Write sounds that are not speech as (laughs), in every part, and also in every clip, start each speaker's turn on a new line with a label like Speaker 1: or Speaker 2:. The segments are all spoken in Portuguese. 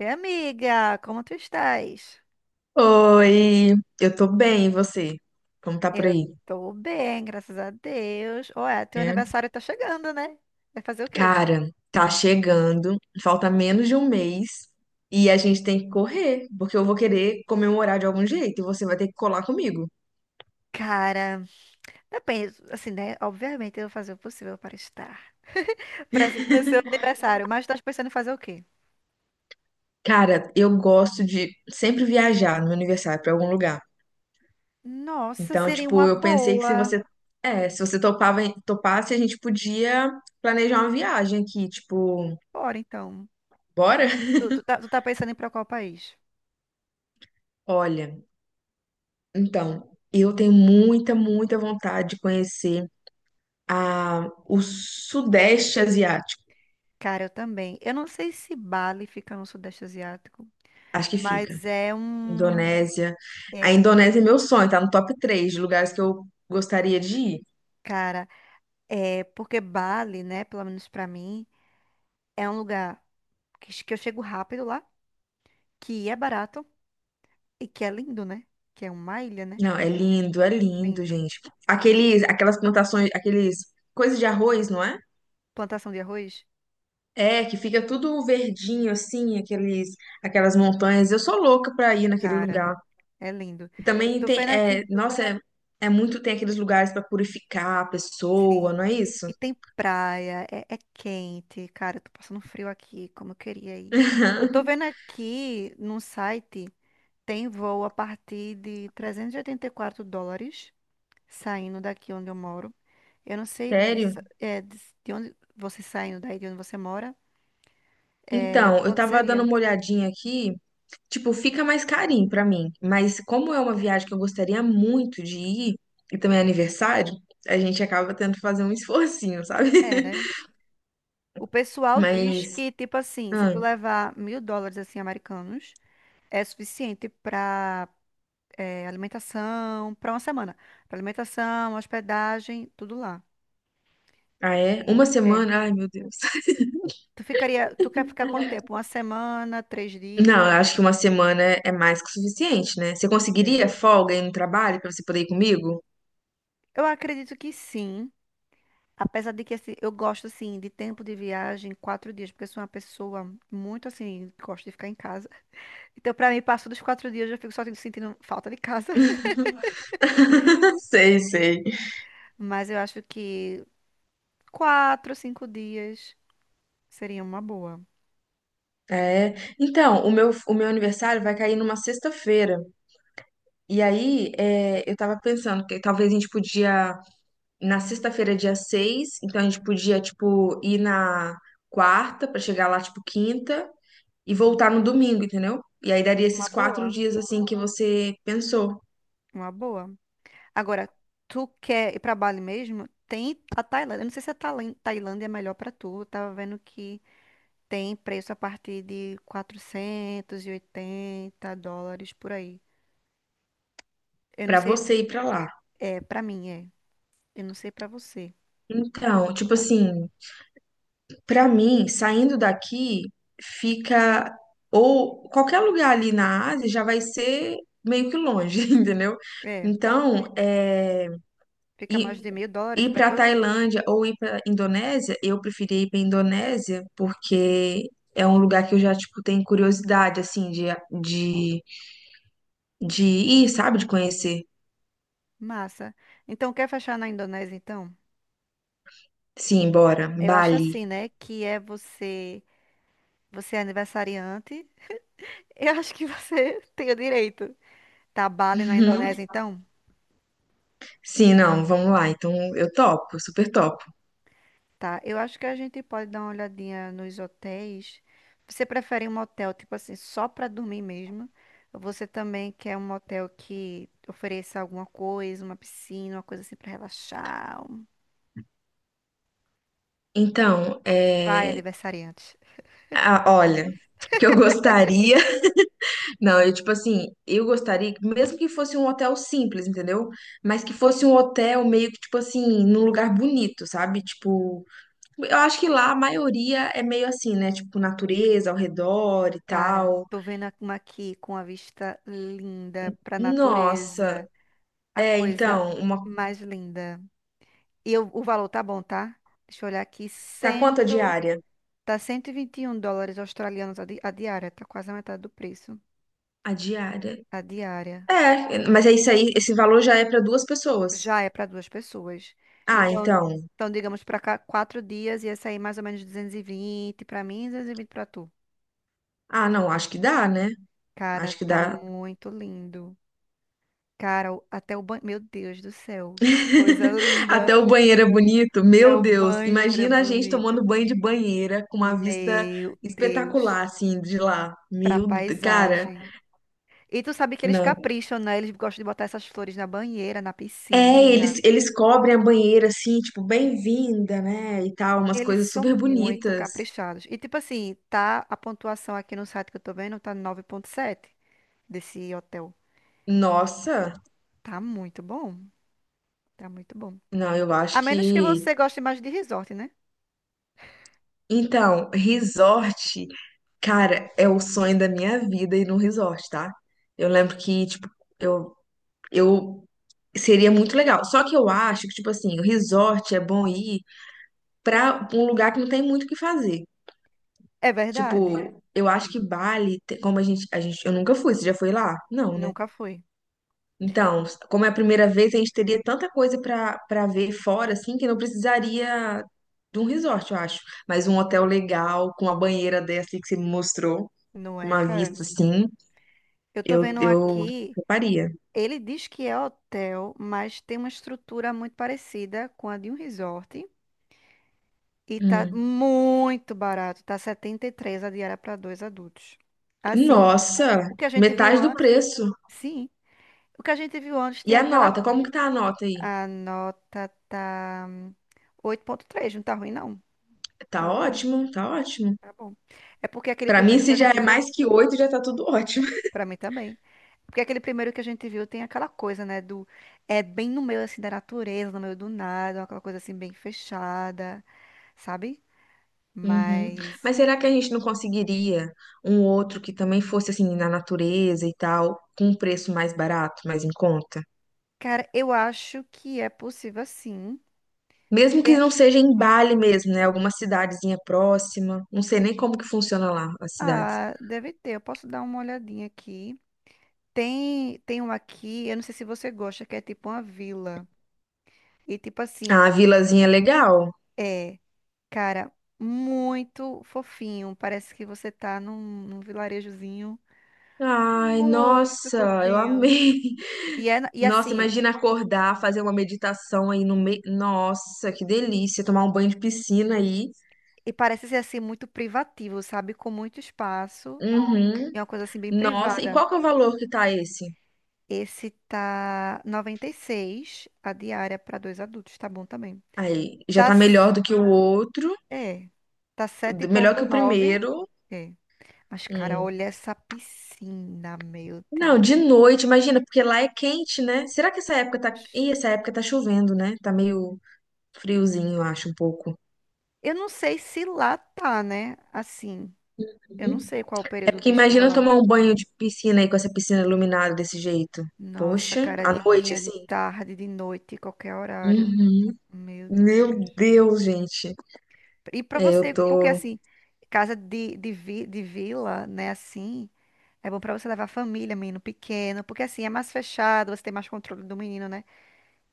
Speaker 1: Oi, amiga, como tu estás?
Speaker 2: Oi, eu tô bem, e você? Como tá por
Speaker 1: Eu
Speaker 2: aí?
Speaker 1: tô bem, graças a Deus. Ué, teu
Speaker 2: É.
Speaker 1: aniversário tá chegando, né? Vai fazer o quê?
Speaker 2: Cara, tá chegando, falta menos de um mês e a gente tem que correr, porque eu vou querer comemorar de algum jeito e você vai ter que colar comigo.
Speaker 1: Cara, depende, assim, né? Obviamente eu vou fazer o possível para estar presente no seu aniversário, mas estás pensando em fazer o quê?
Speaker 2: Cara, eu gosto de sempre viajar no meu aniversário pra algum lugar.
Speaker 1: Nossa,
Speaker 2: Então,
Speaker 1: seria
Speaker 2: tipo,
Speaker 1: uma
Speaker 2: eu pensei que se
Speaker 1: boa.
Speaker 2: você, é, se você topava, topasse, a gente podia planejar uma viagem aqui, tipo,
Speaker 1: Bora, então.
Speaker 2: bora? (laughs)
Speaker 1: Tu tá pensando em ir pra qual país?
Speaker 2: Olha, então, eu tenho muita, muita vontade de conhecer o Sudeste Asiático,
Speaker 1: Cara, eu também. Eu não sei se Bali fica no Sudeste Asiático,
Speaker 2: acho que fica.
Speaker 1: mas é um.
Speaker 2: Indonésia. A
Speaker 1: É,
Speaker 2: Indonésia é meu sonho, tá no top 3 de lugares que eu gostaria de ir.
Speaker 1: cara. É, porque Bali, né, pelo menos pra mim, é um lugar que, que eu chego rápido lá, que é barato e que é lindo, né? Que é uma ilha, né?
Speaker 2: Não, é lindo,
Speaker 1: Lindo.
Speaker 2: gente. Aquelas plantações, aqueles coisas de arroz, não é?
Speaker 1: Plantação de arroz?
Speaker 2: É, que fica tudo verdinho assim, aquelas montanhas. Eu sou louca pra ir naquele
Speaker 1: Cara,
Speaker 2: lugar.
Speaker 1: é lindo.
Speaker 2: E
Speaker 1: Eu
Speaker 2: também
Speaker 1: tô
Speaker 2: tem,
Speaker 1: vendo
Speaker 2: é,
Speaker 1: aqui.
Speaker 2: nossa, é muito, tem aqueles lugares pra purificar a pessoa,
Speaker 1: Sim.
Speaker 2: não é isso?
Speaker 1: E tem praia, é, é quente. Cara, eu tô passando frio aqui, como eu queria ir. Eu tô
Speaker 2: (laughs)
Speaker 1: vendo aqui num site, tem voo a partir de 384 dólares, saindo daqui onde eu moro. Eu não sei disso,
Speaker 2: Sério?
Speaker 1: é, de onde você saindo daí, de onde você mora, é,
Speaker 2: Então, eu
Speaker 1: quanto
Speaker 2: tava
Speaker 1: seria?
Speaker 2: dando uma olhadinha aqui, tipo, fica mais carinho pra mim, mas como é uma viagem que eu gostaria muito de ir, e também é aniversário, a gente acaba tendo que fazer um esforcinho, sabe?
Speaker 1: É, né?
Speaker 2: (laughs)
Speaker 1: O pessoal diz
Speaker 2: Mas,
Speaker 1: que, tipo assim, se tu
Speaker 2: ah,
Speaker 1: levar 1.000 dólares, assim, americanos, é suficiente pra alimentação, pra uma semana. Pra alimentação, hospedagem, tudo lá.
Speaker 2: ah, é? Uma
Speaker 1: E, é.
Speaker 2: semana? Ai, meu Deus. (laughs)
Speaker 1: Tu ficaria, tu quer ficar quanto tempo? Uma semana, 3 dias?
Speaker 2: Não, eu acho que uma semana é mais que o suficiente, né? Você
Speaker 1: É.
Speaker 2: conseguiria folga aí no trabalho pra você poder ir comigo?
Speaker 1: Eu acredito que sim. Apesar de que assim, eu gosto assim de tempo de viagem, 4 dias, porque eu sou uma pessoa muito assim, gosto de ficar em casa. Então, pra mim, passo dos 4 dias, eu fico só sentindo falta de casa. (laughs)
Speaker 2: (laughs) Sei, sei.
Speaker 1: Mas eu acho que 4, 5 dias seria uma boa.
Speaker 2: É. Então, o meu aniversário vai cair numa sexta-feira. E aí, é, eu tava pensando que talvez a gente podia na sexta-feira, dia 6, então a gente podia, tipo, ir na quarta pra chegar lá, tipo, quinta e voltar no domingo, entendeu? E aí daria esses
Speaker 1: Uma
Speaker 2: quatro
Speaker 1: boa,
Speaker 2: dias, assim, que você pensou
Speaker 1: uma boa. Agora, tu quer ir pra Bali mesmo? Tem a Tailândia. Eu não sei se a Tailândia é melhor pra tu. Eu tava vendo que tem preço a partir de 480 dólares por aí. Eu não
Speaker 2: pra
Speaker 1: sei,
Speaker 2: você ir pra lá.
Speaker 1: é, pra mim é. Eu não sei pra você,
Speaker 2: Então, tipo
Speaker 1: tá?
Speaker 2: assim, pra mim, saindo daqui, fica. Ou qualquer lugar ali na Ásia já vai ser meio que longe, (laughs) entendeu?
Speaker 1: É,
Speaker 2: Então, é
Speaker 1: fica mais
Speaker 2: E
Speaker 1: de 1.000 dólares
Speaker 2: ir
Speaker 1: pra
Speaker 2: para a
Speaker 1: tu?
Speaker 2: Tailândia ou ir para a Indonésia, eu preferi ir para a Indonésia porque é um lugar que eu já, tipo, tenho curiosidade, assim, de, de ir, sabe? De conhecer.
Speaker 1: Massa. Então, quer fechar na Indonésia, então?
Speaker 2: Sim, bora.
Speaker 1: Eu acho
Speaker 2: Bali.
Speaker 1: assim, né? Que é você, você é aniversariante. (laughs) Eu acho que você (laughs) tem o direito. Tá, Bali na
Speaker 2: Uhum.
Speaker 1: Indonésia, então?
Speaker 2: Sim, não, vamos lá. Então, eu topo, super topo.
Speaker 1: Tá. Eu acho que a gente pode dar uma olhadinha nos hotéis. Você prefere um hotel, tipo assim, só pra dormir mesmo? Ou você também quer um hotel que ofereça alguma coisa, uma piscina, uma coisa assim pra relaxar?
Speaker 2: Então,
Speaker 1: Vai, aniversariante.
Speaker 2: ah, olha, que eu gostaria. (laughs) Não, eu, tipo assim, eu gostaria, que mesmo que fosse um hotel simples, entendeu? Mas que fosse um hotel meio que, tipo assim, num lugar bonito, sabe? Tipo, eu acho que lá a maioria é meio assim, né? Tipo, natureza ao redor e
Speaker 1: Cara,
Speaker 2: tal.
Speaker 1: tô vendo uma aqui com a vista linda pra
Speaker 2: Nossa,
Speaker 1: natureza. A coisa
Speaker 2: então, uma.
Speaker 1: mais linda. E o valor tá bom, tá? Deixa eu olhar aqui.
Speaker 2: Tá quanto a
Speaker 1: Cento,
Speaker 2: diária?
Speaker 1: tá 121 dólares australianos a diária. Tá quase a metade do preço.
Speaker 2: A diária.
Speaker 1: A diária.
Speaker 2: É, mas é isso aí, esse valor já é pra duas pessoas.
Speaker 1: Já é para duas pessoas.
Speaker 2: Ah,
Speaker 1: Então,
Speaker 2: então.
Speaker 1: então digamos para cá, 4 dias ia sair mais ou menos 220 para mim e 220 para tu.
Speaker 2: Ah, não, acho que dá, né?
Speaker 1: Cara,
Speaker 2: Acho que
Speaker 1: tá
Speaker 2: dá.
Speaker 1: muito lindo. Cara, até o banho. Meu Deus do céu, que coisa
Speaker 2: (laughs) Até o
Speaker 1: linda.
Speaker 2: banheiro é bonito.
Speaker 1: Até
Speaker 2: Meu
Speaker 1: o
Speaker 2: Deus,
Speaker 1: banheiro é
Speaker 2: imagina a gente
Speaker 1: bonito.
Speaker 2: tomando banho de banheira com uma vista
Speaker 1: Meu Deus.
Speaker 2: espetacular, assim, de lá.
Speaker 1: Pra
Speaker 2: Cara,
Speaker 1: paisagem. E tu sabe que eles
Speaker 2: não.
Speaker 1: capricham, né? Eles gostam de botar essas flores na banheira, na
Speaker 2: É,
Speaker 1: piscina.
Speaker 2: eles cobrem a banheira assim, tipo, bem-vinda, né? E tal, umas
Speaker 1: Eles
Speaker 2: coisas
Speaker 1: são
Speaker 2: super
Speaker 1: muito
Speaker 2: bonitas.
Speaker 1: caprichados. E tipo assim, tá a pontuação aqui no site que eu tô vendo, tá 9,7 desse hotel.
Speaker 2: Nossa,
Speaker 1: Tá muito bom. Tá muito bom.
Speaker 2: não, eu
Speaker 1: A
Speaker 2: acho
Speaker 1: menos que
Speaker 2: que.
Speaker 1: você goste mais de resort, né?
Speaker 2: Então, resort, cara, é o sonho da minha vida ir num resort, tá? Eu lembro que, tipo, eu, eu seria muito legal. Só que eu acho que, tipo assim, o resort é bom ir pra um lugar que não tem muito o que fazer.
Speaker 1: É
Speaker 2: Tipo,
Speaker 1: verdade.
Speaker 2: eu acho que Bali, como a gente, eu nunca fui, você já foi lá? Não, né?
Speaker 1: Nunca fui.
Speaker 2: Então, como é a primeira vez, a gente teria tanta coisa para ver fora, assim, que não precisaria de um resort, eu acho. Mas um hotel legal, com uma banheira dessa aí que você me mostrou,
Speaker 1: Não
Speaker 2: com
Speaker 1: é,
Speaker 2: uma
Speaker 1: cara?
Speaker 2: vista assim,
Speaker 1: Eu tô
Speaker 2: eu,
Speaker 1: vendo
Speaker 2: eu
Speaker 1: aqui.
Speaker 2: faria.
Speaker 1: Ele diz que é hotel, mas tem uma estrutura muito parecida com a de um resort. E tá
Speaker 2: Hum.
Speaker 1: muito barato, tá 73 a diária para dois adultos. Assim,
Speaker 2: Nossa,
Speaker 1: o que a gente viu
Speaker 2: metade do
Speaker 1: antes,
Speaker 2: preço.
Speaker 1: sim, o que a gente viu antes
Speaker 2: E
Speaker 1: tem
Speaker 2: a
Speaker 1: aquela.
Speaker 2: nota? Como que tá a nota aí?
Speaker 1: A nota tá 8,3, não tá ruim, não. Tá
Speaker 2: Tá
Speaker 1: bom,
Speaker 2: ótimo, tá ótimo.
Speaker 1: tá bom. É porque aquele
Speaker 2: Pra mim,
Speaker 1: primeiro que
Speaker 2: se
Speaker 1: a
Speaker 2: já
Speaker 1: gente
Speaker 2: é
Speaker 1: viu,
Speaker 2: mais que oito, já tá tudo ótimo.
Speaker 1: pra mim também. Porque aquele primeiro que a gente viu tem aquela coisa, né, do. É bem no meio, assim, da natureza, no meio do nada, aquela coisa, assim, bem fechada. Sabe? Uhum.
Speaker 2: Uhum.
Speaker 1: Mas,
Speaker 2: Mas será que a gente não conseguiria um outro que também fosse assim na natureza e tal, com um preço mais barato, mais em conta?
Speaker 1: cara, eu acho que é possível sim.
Speaker 2: Mesmo que
Speaker 1: Tem-
Speaker 2: não seja em Bali mesmo, né? Alguma cidadezinha próxima. Não sei nem como que funciona lá as cidades.
Speaker 1: Ah, deve ter. Eu posso dar uma olhadinha aqui. Tem, tem um aqui, eu não sei se você gosta, que é tipo uma vila. E tipo
Speaker 2: Ah,
Speaker 1: assim,
Speaker 2: a vilazinha é legal.
Speaker 1: é, cara, muito fofinho. Parece que você tá num vilarejozinho
Speaker 2: Ai,
Speaker 1: muito
Speaker 2: nossa, eu
Speaker 1: fofinho.
Speaker 2: amei.
Speaker 1: E, é,
Speaker 2: (laughs)
Speaker 1: e
Speaker 2: Nossa,
Speaker 1: assim,
Speaker 2: imagina acordar, fazer uma meditação aí no meio. Nossa, que delícia, tomar um banho de piscina aí.
Speaker 1: e parece ser assim muito privativo, sabe? Com muito espaço.
Speaker 2: Uhum.
Speaker 1: É uma coisa assim bem
Speaker 2: Nossa, e
Speaker 1: privada.
Speaker 2: qual que é o valor que tá esse?
Speaker 1: Esse tá 96 a diária para dois adultos, tá bom também.
Speaker 2: Aí já
Speaker 1: Tá, Tá.
Speaker 2: tá melhor do que o outro,
Speaker 1: É, tá
Speaker 2: melhor que o
Speaker 1: 7,9.
Speaker 2: primeiro.
Speaker 1: É. Mas, cara,
Speaker 2: Hum.
Speaker 1: olha essa piscina, meu
Speaker 2: Não,
Speaker 1: Deus.
Speaker 2: de noite, imagina, porque lá é quente, né? Será que essa época tá. Ih, essa época tá chovendo, né? Tá meio friozinho, eu acho, um pouco.
Speaker 1: Eu não sei se lá tá, né? Assim, eu não
Speaker 2: Uhum.
Speaker 1: sei qual é o
Speaker 2: É
Speaker 1: período
Speaker 2: porque
Speaker 1: de chuva
Speaker 2: imagina eu
Speaker 1: lá.
Speaker 2: tomar um banho de piscina aí com essa piscina iluminada desse jeito.
Speaker 1: Nossa,
Speaker 2: Poxa,
Speaker 1: cara,
Speaker 2: à
Speaker 1: de
Speaker 2: noite,
Speaker 1: dia, de
Speaker 2: assim.
Speaker 1: tarde, de noite, qualquer horário.
Speaker 2: Uhum.
Speaker 1: Meu
Speaker 2: Meu
Speaker 1: Deus.
Speaker 2: Deus, gente.
Speaker 1: E pra
Speaker 2: É, eu
Speaker 1: você, porque
Speaker 2: tô.
Speaker 1: assim, casa de vila, né? Assim. É bom pra você levar a família, menino pequeno, porque assim é mais fechado, você tem mais controle do menino, né?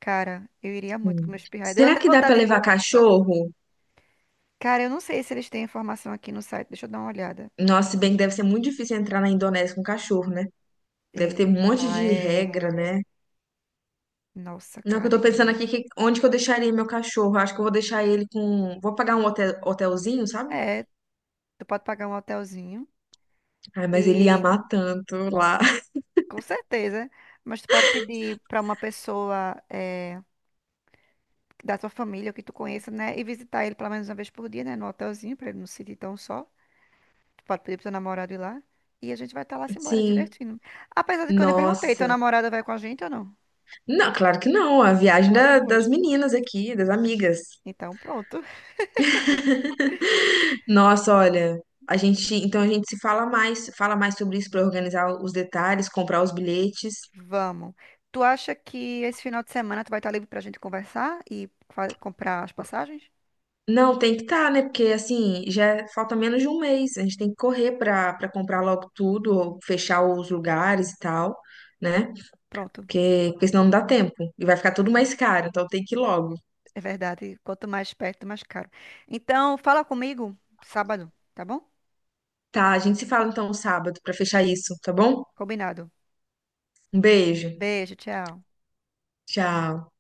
Speaker 1: Cara, eu iria muito com
Speaker 2: Hum.
Speaker 1: meus pirraias. Deu
Speaker 2: Será
Speaker 1: até
Speaker 2: que dá pra
Speaker 1: vontade de...
Speaker 2: levar cachorro?
Speaker 1: Cara, eu não sei se eles têm informação aqui no site. Deixa eu dar uma olhada.
Speaker 2: Nossa, se bem que deve ser muito difícil entrar na Indonésia com cachorro, né? Deve ter um monte
Speaker 1: Eita,
Speaker 2: de regra,
Speaker 1: é.
Speaker 2: né?
Speaker 1: Nossa,
Speaker 2: Não, que eu
Speaker 1: cara,
Speaker 2: tô
Speaker 1: e aí?
Speaker 2: pensando aqui que onde que eu deixaria meu cachorro? Acho que eu vou deixar ele com. Vou pagar um hotel, hotelzinho, sabe?
Speaker 1: É, tu pode pagar um hotelzinho
Speaker 2: Ai, mas ele ia
Speaker 1: e
Speaker 2: amar tanto lá.
Speaker 1: com certeza, mas tu pode pedir pra uma pessoa é, da tua família ou que tu conheça, né? E visitar ele pelo menos uma vez por dia, né? No hotelzinho, pra ele não se sentir tão só. Pode pedir pro seu namorado ir lá. E a gente vai estar lá se
Speaker 2: (laughs)
Speaker 1: embora,
Speaker 2: Sim.
Speaker 1: divertindo. Apesar de que eu nem perguntei, teu
Speaker 2: Nossa.
Speaker 1: namorado vai com a gente ou não?
Speaker 2: Não, claro que não. A
Speaker 1: Só
Speaker 2: viagem
Speaker 1: nós
Speaker 2: das
Speaker 1: duas.
Speaker 2: meninas aqui, das amigas.
Speaker 1: Então, pronto.
Speaker 2: (laughs) Nossa, olha. A gente, então a gente se fala mais, fala mais sobre isso para organizar os detalhes, comprar os bilhetes.
Speaker 1: Vamos. Tu acha que esse final de semana tu vai estar livre pra gente conversar e comprar as passagens?
Speaker 2: Não, tem que estar, né? Porque assim, já falta menos de um mês. A gente tem que correr para comprar logo tudo, ou fechar os lugares e tal, né?
Speaker 1: Pronto.
Speaker 2: Porque senão não dá tempo. E vai ficar tudo mais caro, então tem que ir logo.
Speaker 1: É verdade. Quanto mais perto, mais caro. Então, fala comigo sábado, tá bom?
Speaker 2: Tá, a gente se fala então sábado para fechar isso, tá bom?
Speaker 1: Combinado.
Speaker 2: Um beijo.
Speaker 1: Beijo, tchau.
Speaker 2: Tchau.